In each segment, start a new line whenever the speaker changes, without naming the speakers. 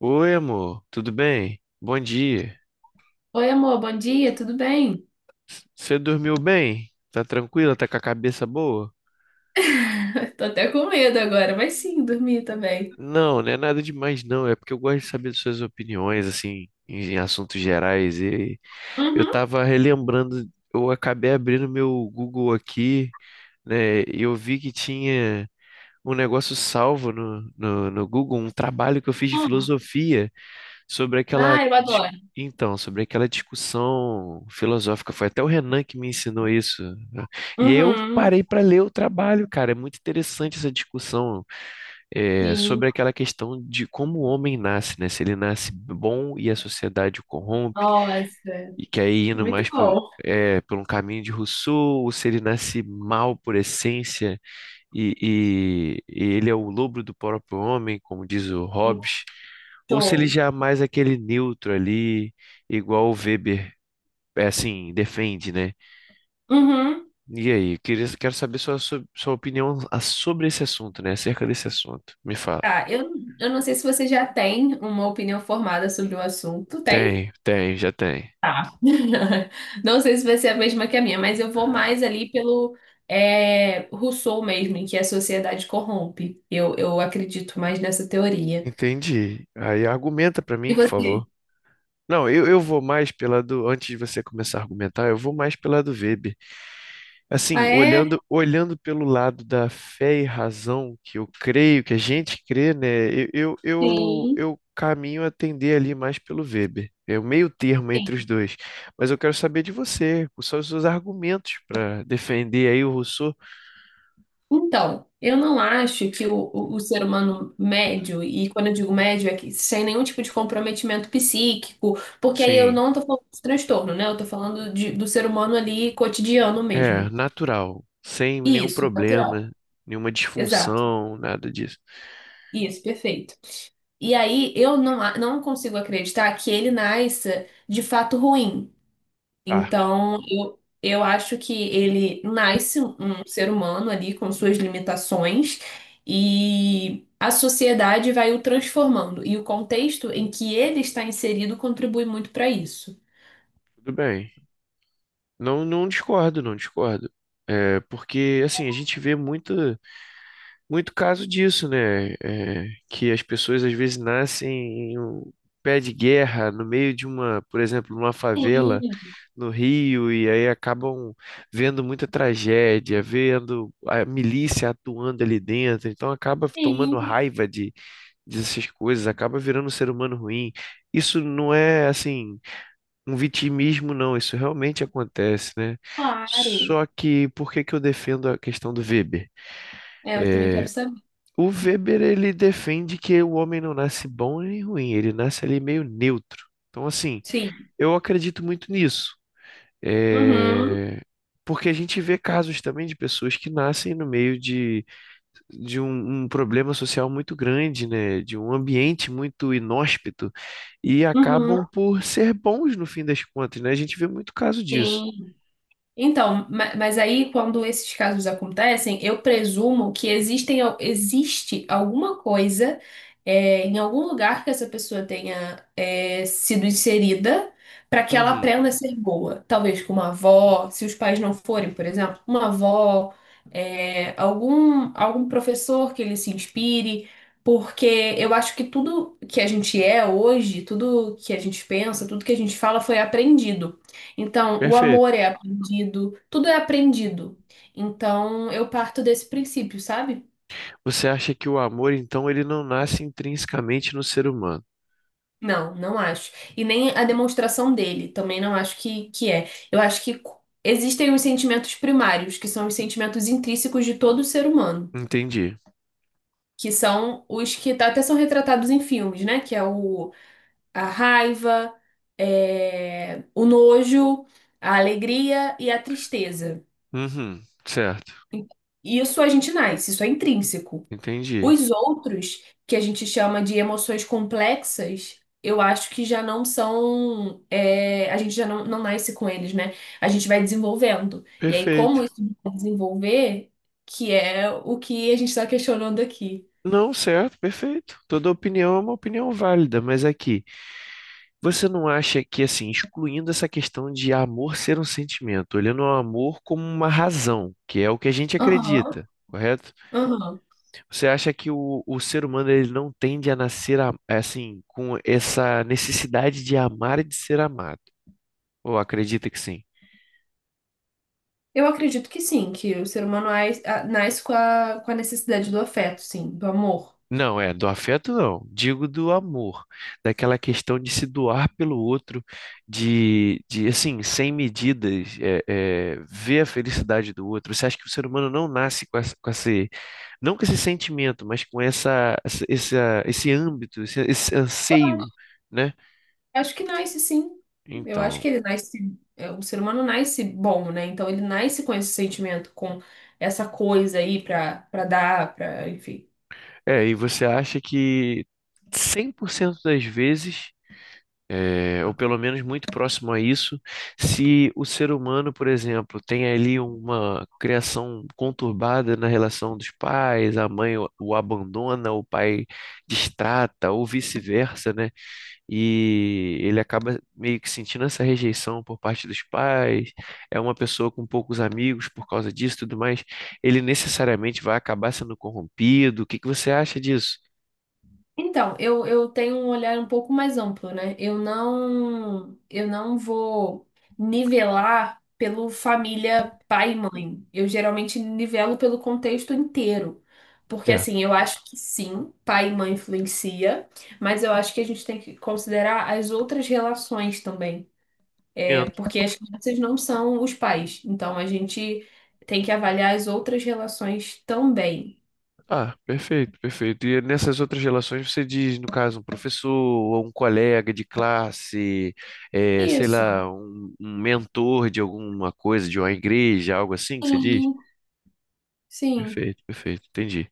Oi, amor, tudo bem? Bom dia.
Oi, amor, bom dia, tudo bem?
Você dormiu bem? Tá tranquila? Tá com a cabeça boa?
Tô até com medo agora, mas sim, dormi também.
Não, não é nada demais, não. É porque eu gosto de saber de suas opiniões, assim, em assuntos gerais. E eu
Uhum.
tava relembrando, eu acabei abrindo meu Google aqui, né? E eu vi que tinha um negócio salvo no Google, um trabalho que eu fiz de
Ah,
filosofia. sobre aquela
ah, eu
dis-
adoro.
então, sobre aquela discussão filosófica, foi até o Renan que me ensinou isso, né? E eu
Uhum,
parei para ler o trabalho, cara. É muito interessante essa discussão, é,
sim.
sobre aquela questão de como o homem nasce, né? Se ele nasce bom e a sociedade o corrompe,
Nossa,
e que aí indo
muito
mais pelo,
bom.
é, por um caminho de Rousseau, ou se ele nasce mal por essência e, e ele é o lobo do próprio homem, como diz o Hobbes, ou se ele
Show.
já é mais aquele neutro ali, igual o Weber, é, assim, defende, né?
Uhum.
E aí, eu queria, quero saber sua opinião a- sobre esse assunto, né? Acerca desse assunto. Me fala.
Tá, eu não sei se você já tem uma opinião formada sobre o assunto. Tem?
Tem, tem, já tem.
Tá. Não sei se vai ser a mesma que a minha, mas eu vou mais ali pelo Rousseau mesmo, em que a sociedade corrompe. Eu acredito mais nessa teoria.
Entendi. Aí argumenta pra
E
mim, por
você?
favor. Não, eu vou mais pela do. Antes de você começar a argumentar, eu vou mais pela do Weber.
Ah,
Assim,
é?
olhando pelo lado da fé e razão, que eu creio, que a gente crê, né? Eu, eu, eu,
Sim,
eu caminho a tender ali mais pelo Weber. É o meio termo
sim.
entre os dois. Mas eu quero saber de você, quais são os seus argumentos para defender aí o Rousseau.
Então, eu não acho que o ser humano médio, e quando eu digo médio é que sem nenhum tipo de comprometimento psíquico, porque aí eu
Sim,
não tô falando de transtorno, né? Eu tô falando do ser humano ali cotidiano
é
mesmo.
natural, sem nenhum
Isso,
problema,
natural.
nenhuma
Exato.
disfunção, nada disso.
Isso, perfeito. E aí eu não, a- não consigo acreditar que ele nasça de fato ruim.
Tá,
Então, eu acho que ele nasce um um ser humano ali com suas limitações e a sociedade vai o transformando. E o contexto em que ele está inserido contribui muito para isso.
tudo bem. Não, não discordo, não discordo. É, porque, assim, a gente vê muito, muito caso disso, né? É, que as pessoas às vezes nascem em um pé de guerra, no meio de uma, por exemplo, numa favela
Sim,
no Rio, e aí acabam vendo muita tragédia, vendo a milícia atuando ali dentro, então acaba tomando
sim,
raiva dessas coisas, acaba virando um ser humano ruim. Isso não é assim um vitimismo, não, isso realmente acontece, né?
claro.
Só que por que que eu defendo a questão do Weber?
É, eu também quero saber.
O Weber ele defende que o homem não nasce bom nem ruim, ele nasce ali meio neutro. Então, assim,
Sim.
eu acredito muito nisso.
Uhum,
É, porque a gente vê casos também de pessoas que nascem no meio de, de um problema social muito grande, né? De um ambiente muito inóspito e
uhum,
acabam por ser bons no fim das contas, né? A gente vê muito caso disso.
sim. Então, mas aí quando esses casos acontecem, eu presumo que existem, existe alguma coisa em algum lugar que essa pessoa tenha sido inserida para que ela
Uhum,
aprenda a ser boa. Talvez com uma avó, se os pais não forem, por exemplo, uma avó, algum professor que ele se inspire, porque eu acho que tudo que a gente é hoje, tudo que a gente pensa, tudo que a gente fala foi aprendido. Então, o amor
perfeito.
é aprendido, tudo é aprendido. Então, eu parto desse princípio, sabe?
Você acha que o amor, então, ele não nasce intrinsecamente no ser humano?
Não, não acho. E nem a demonstração dele, também não acho que é. Eu acho que existem os sentimentos primários, que são os sentimentos intrínsecos de todo ser humano,
Entendi.
que são os que até são retratados em filmes, né? Que é o, a raiva, o nojo, a alegria e a tristeza.
Uhum, certo,
E isso a gente nasce, isso é intrínseco.
entendi.
Os outros, que a gente chama de emoções complexas, eu acho que já não são. A gente já não, não nasce com eles, né? A gente vai desenvolvendo. E aí, como
Perfeito.
isso vai desenvolver, que é o que a gente está questionando aqui.
Não, certo, perfeito. Toda opinião é uma opinião válida, mas aqui, você não acha que, assim, excluindo essa questão de amor ser um sentimento, olhando o amor como uma razão, que é o que a gente
Aham,
acredita, correto?
aham.
Você acha que o ser humano ele não tende a nascer, a- assim, com essa necessidade de amar e de ser amado? Ou acredita que sim?
Eu acredito que sim, que o ser humano nasce com a necessidade do afeto, sim, do amor.
Não, é, do afeto não, digo do amor, daquela questão de se doar pelo outro, de assim, sem medidas, é, é, ver a felicidade do outro. Você acha que o ser humano não nasce com esse, não com esse sentimento, mas com esse âmbito, esse anseio, né?
Acho que nasce sim. Eu acho
Então,
que ele nasce. O ser humano nasce bom, né? Então ele nasce com esse sentimento, com essa coisa aí pra, pra dar, pra, enfim.
é, e você acha que 100% das vezes é, ou pelo menos muito próximo a isso, se o ser humano, por exemplo, tem ali uma criação conturbada na relação dos pais, a mãe o abandona, o pai destrata, ou vice-versa, né? E ele acaba meio que sentindo essa rejeição por parte dos pais, é uma pessoa com poucos amigos por causa disso e tudo mais, ele necessariamente vai acabar sendo corrompido. O que que você acha disso?
Então, eu tenho um olhar um pouco mais amplo, né? Eu não vou nivelar pelo família pai e mãe. Eu geralmente nivelo pelo contexto inteiro. Porque
Certo.
assim, eu acho que sim, pai e mãe influencia, mas eu acho que a gente tem que considerar as outras relações também. Porque as crianças não são os pais, então a gente tem que avaliar as outras relações também.
Ah, perfeito, perfeito. E nessas outras relações você diz, no caso, um professor ou um colega de classe, eh, sei
Isso.
lá, um mentor de alguma coisa, de uma igreja, algo assim que você diz?
Sim, sim.
Perfeito, perfeito, entendi.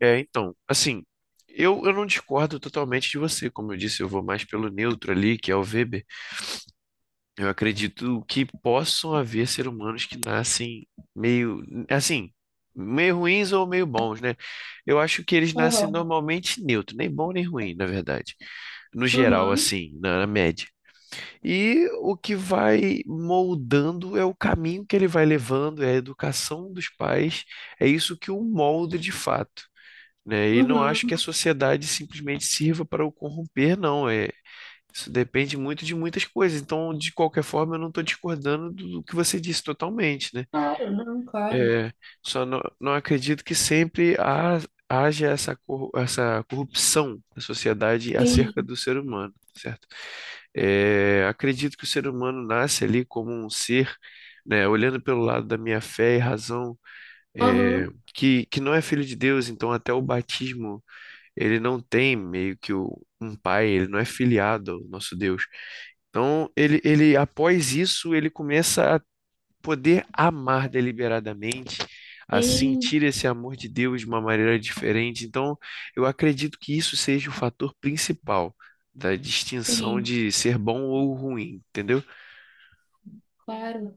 É, então, assim, eu não discordo totalmente de você. Como eu disse, eu vou mais pelo neutro ali, que é o Weber. Eu acredito que possam haver seres humanos que nascem meio, assim, meio ruins ou meio bons, né? Eu acho que eles nascem
Aham.
normalmente neutro, nem bom nem ruim, na verdade. No geral,
Uhum.
assim, na média. E o que vai moldando é o caminho que ele vai levando, é a educação dos pais, é isso que o molda de fato. Né? E não acho que a
Uhum.
sociedade simplesmente sirva para o corromper, não. É, isso depende muito de muitas coisas. Então, de qualquer forma, eu não estou discordando do que você disse totalmente, né?
Claro, não, claro.
É, só não, não acredito que sempre haja essa, essa corrupção na sociedade acerca
Sim.
do ser humano, certo? É, acredito que o ser humano nasce ali como um ser, né? Olhando pelo lado da minha fé e razão, é,
Aham.
que não é filho de Deus, então até o batismo ele não tem meio que o- um pai, ele não é filiado ao nosso Deus. Então, ele, após isso, ele começa a poder amar deliberadamente, a
Sim,
sentir esse amor de Deus de uma maneira diferente. Então, eu acredito que isso seja o fator principal da distinção
sim,
de ser bom ou ruim, entendeu?
claro.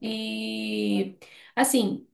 E assim.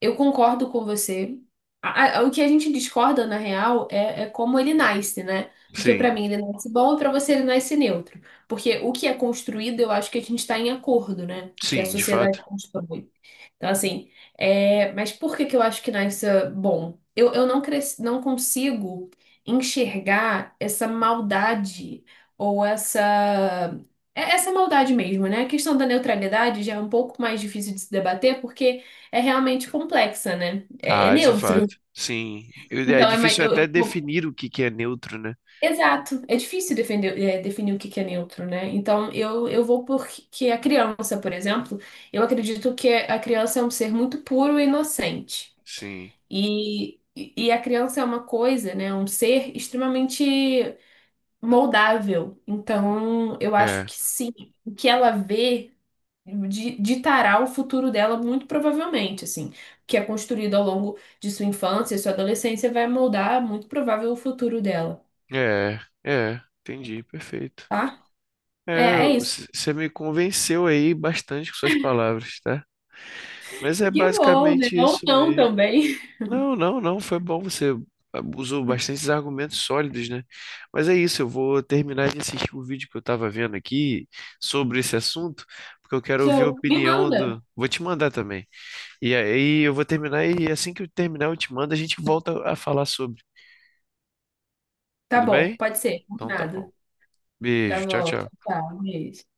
Eu concordo com você. O que a gente discorda, na real, é como ele nasce, né? Porque
Sim,
pra mim ele nasce bom e pra você ele nasce neutro. Porque o que é construído, eu acho que a gente tá em acordo, né? O que a
sim, de
sociedade
fato.
constrói. Então, assim, é... mas por que que eu acho que Knives é bom? Eu não, cres... não consigo enxergar essa maldade ou essa. Essa maldade mesmo, né? A questão da neutralidade já é um pouco mais difícil de se debater porque é realmente complexa, né? É, é
Ah, de
neutro.
fato. Sim. Eu- É
Então, é mais...
difícil até definir o que que é neutro, né?
Exato. É difícil defender, definir o que que é neutro, né? Então, eu vou porque a criança, por exemplo, eu acredito que a criança é um ser muito puro e inocente.
Sim.
E a criança é uma coisa, né? Um ser extremamente moldável. Então, eu acho
É,
que sim, o que ela vê ditará o futuro dela muito provavelmente, assim. O que é construído ao longo de sua infância e sua adolescência vai moldar muito provável o futuro dela,
é, é. Entendi, perfeito.
tá? É,
É,
é isso.
você me convenceu aí bastante com suas palavras, tá? Mas é
Que bom, né?
basicamente
Ou
isso
não
mesmo.
também.
Não, não, não, foi bom, você usou bastantes argumentos sólidos, né? Mas é isso, eu vou terminar de assistir o vídeo que eu tava vendo aqui sobre esse assunto, porque eu quero ouvir a
Show. Me
opinião
manda.
do. Vou te mandar também. E aí eu vou terminar e assim que eu terminar, eu te mando, a gente volta a falar sobre.
Tá
Tudo
bom,
bem?
pode ser.
Então tá bom.
Combinado. Tá
Beijo, tchau,
bom. Tchau,
tchau.
tchau. Beijo.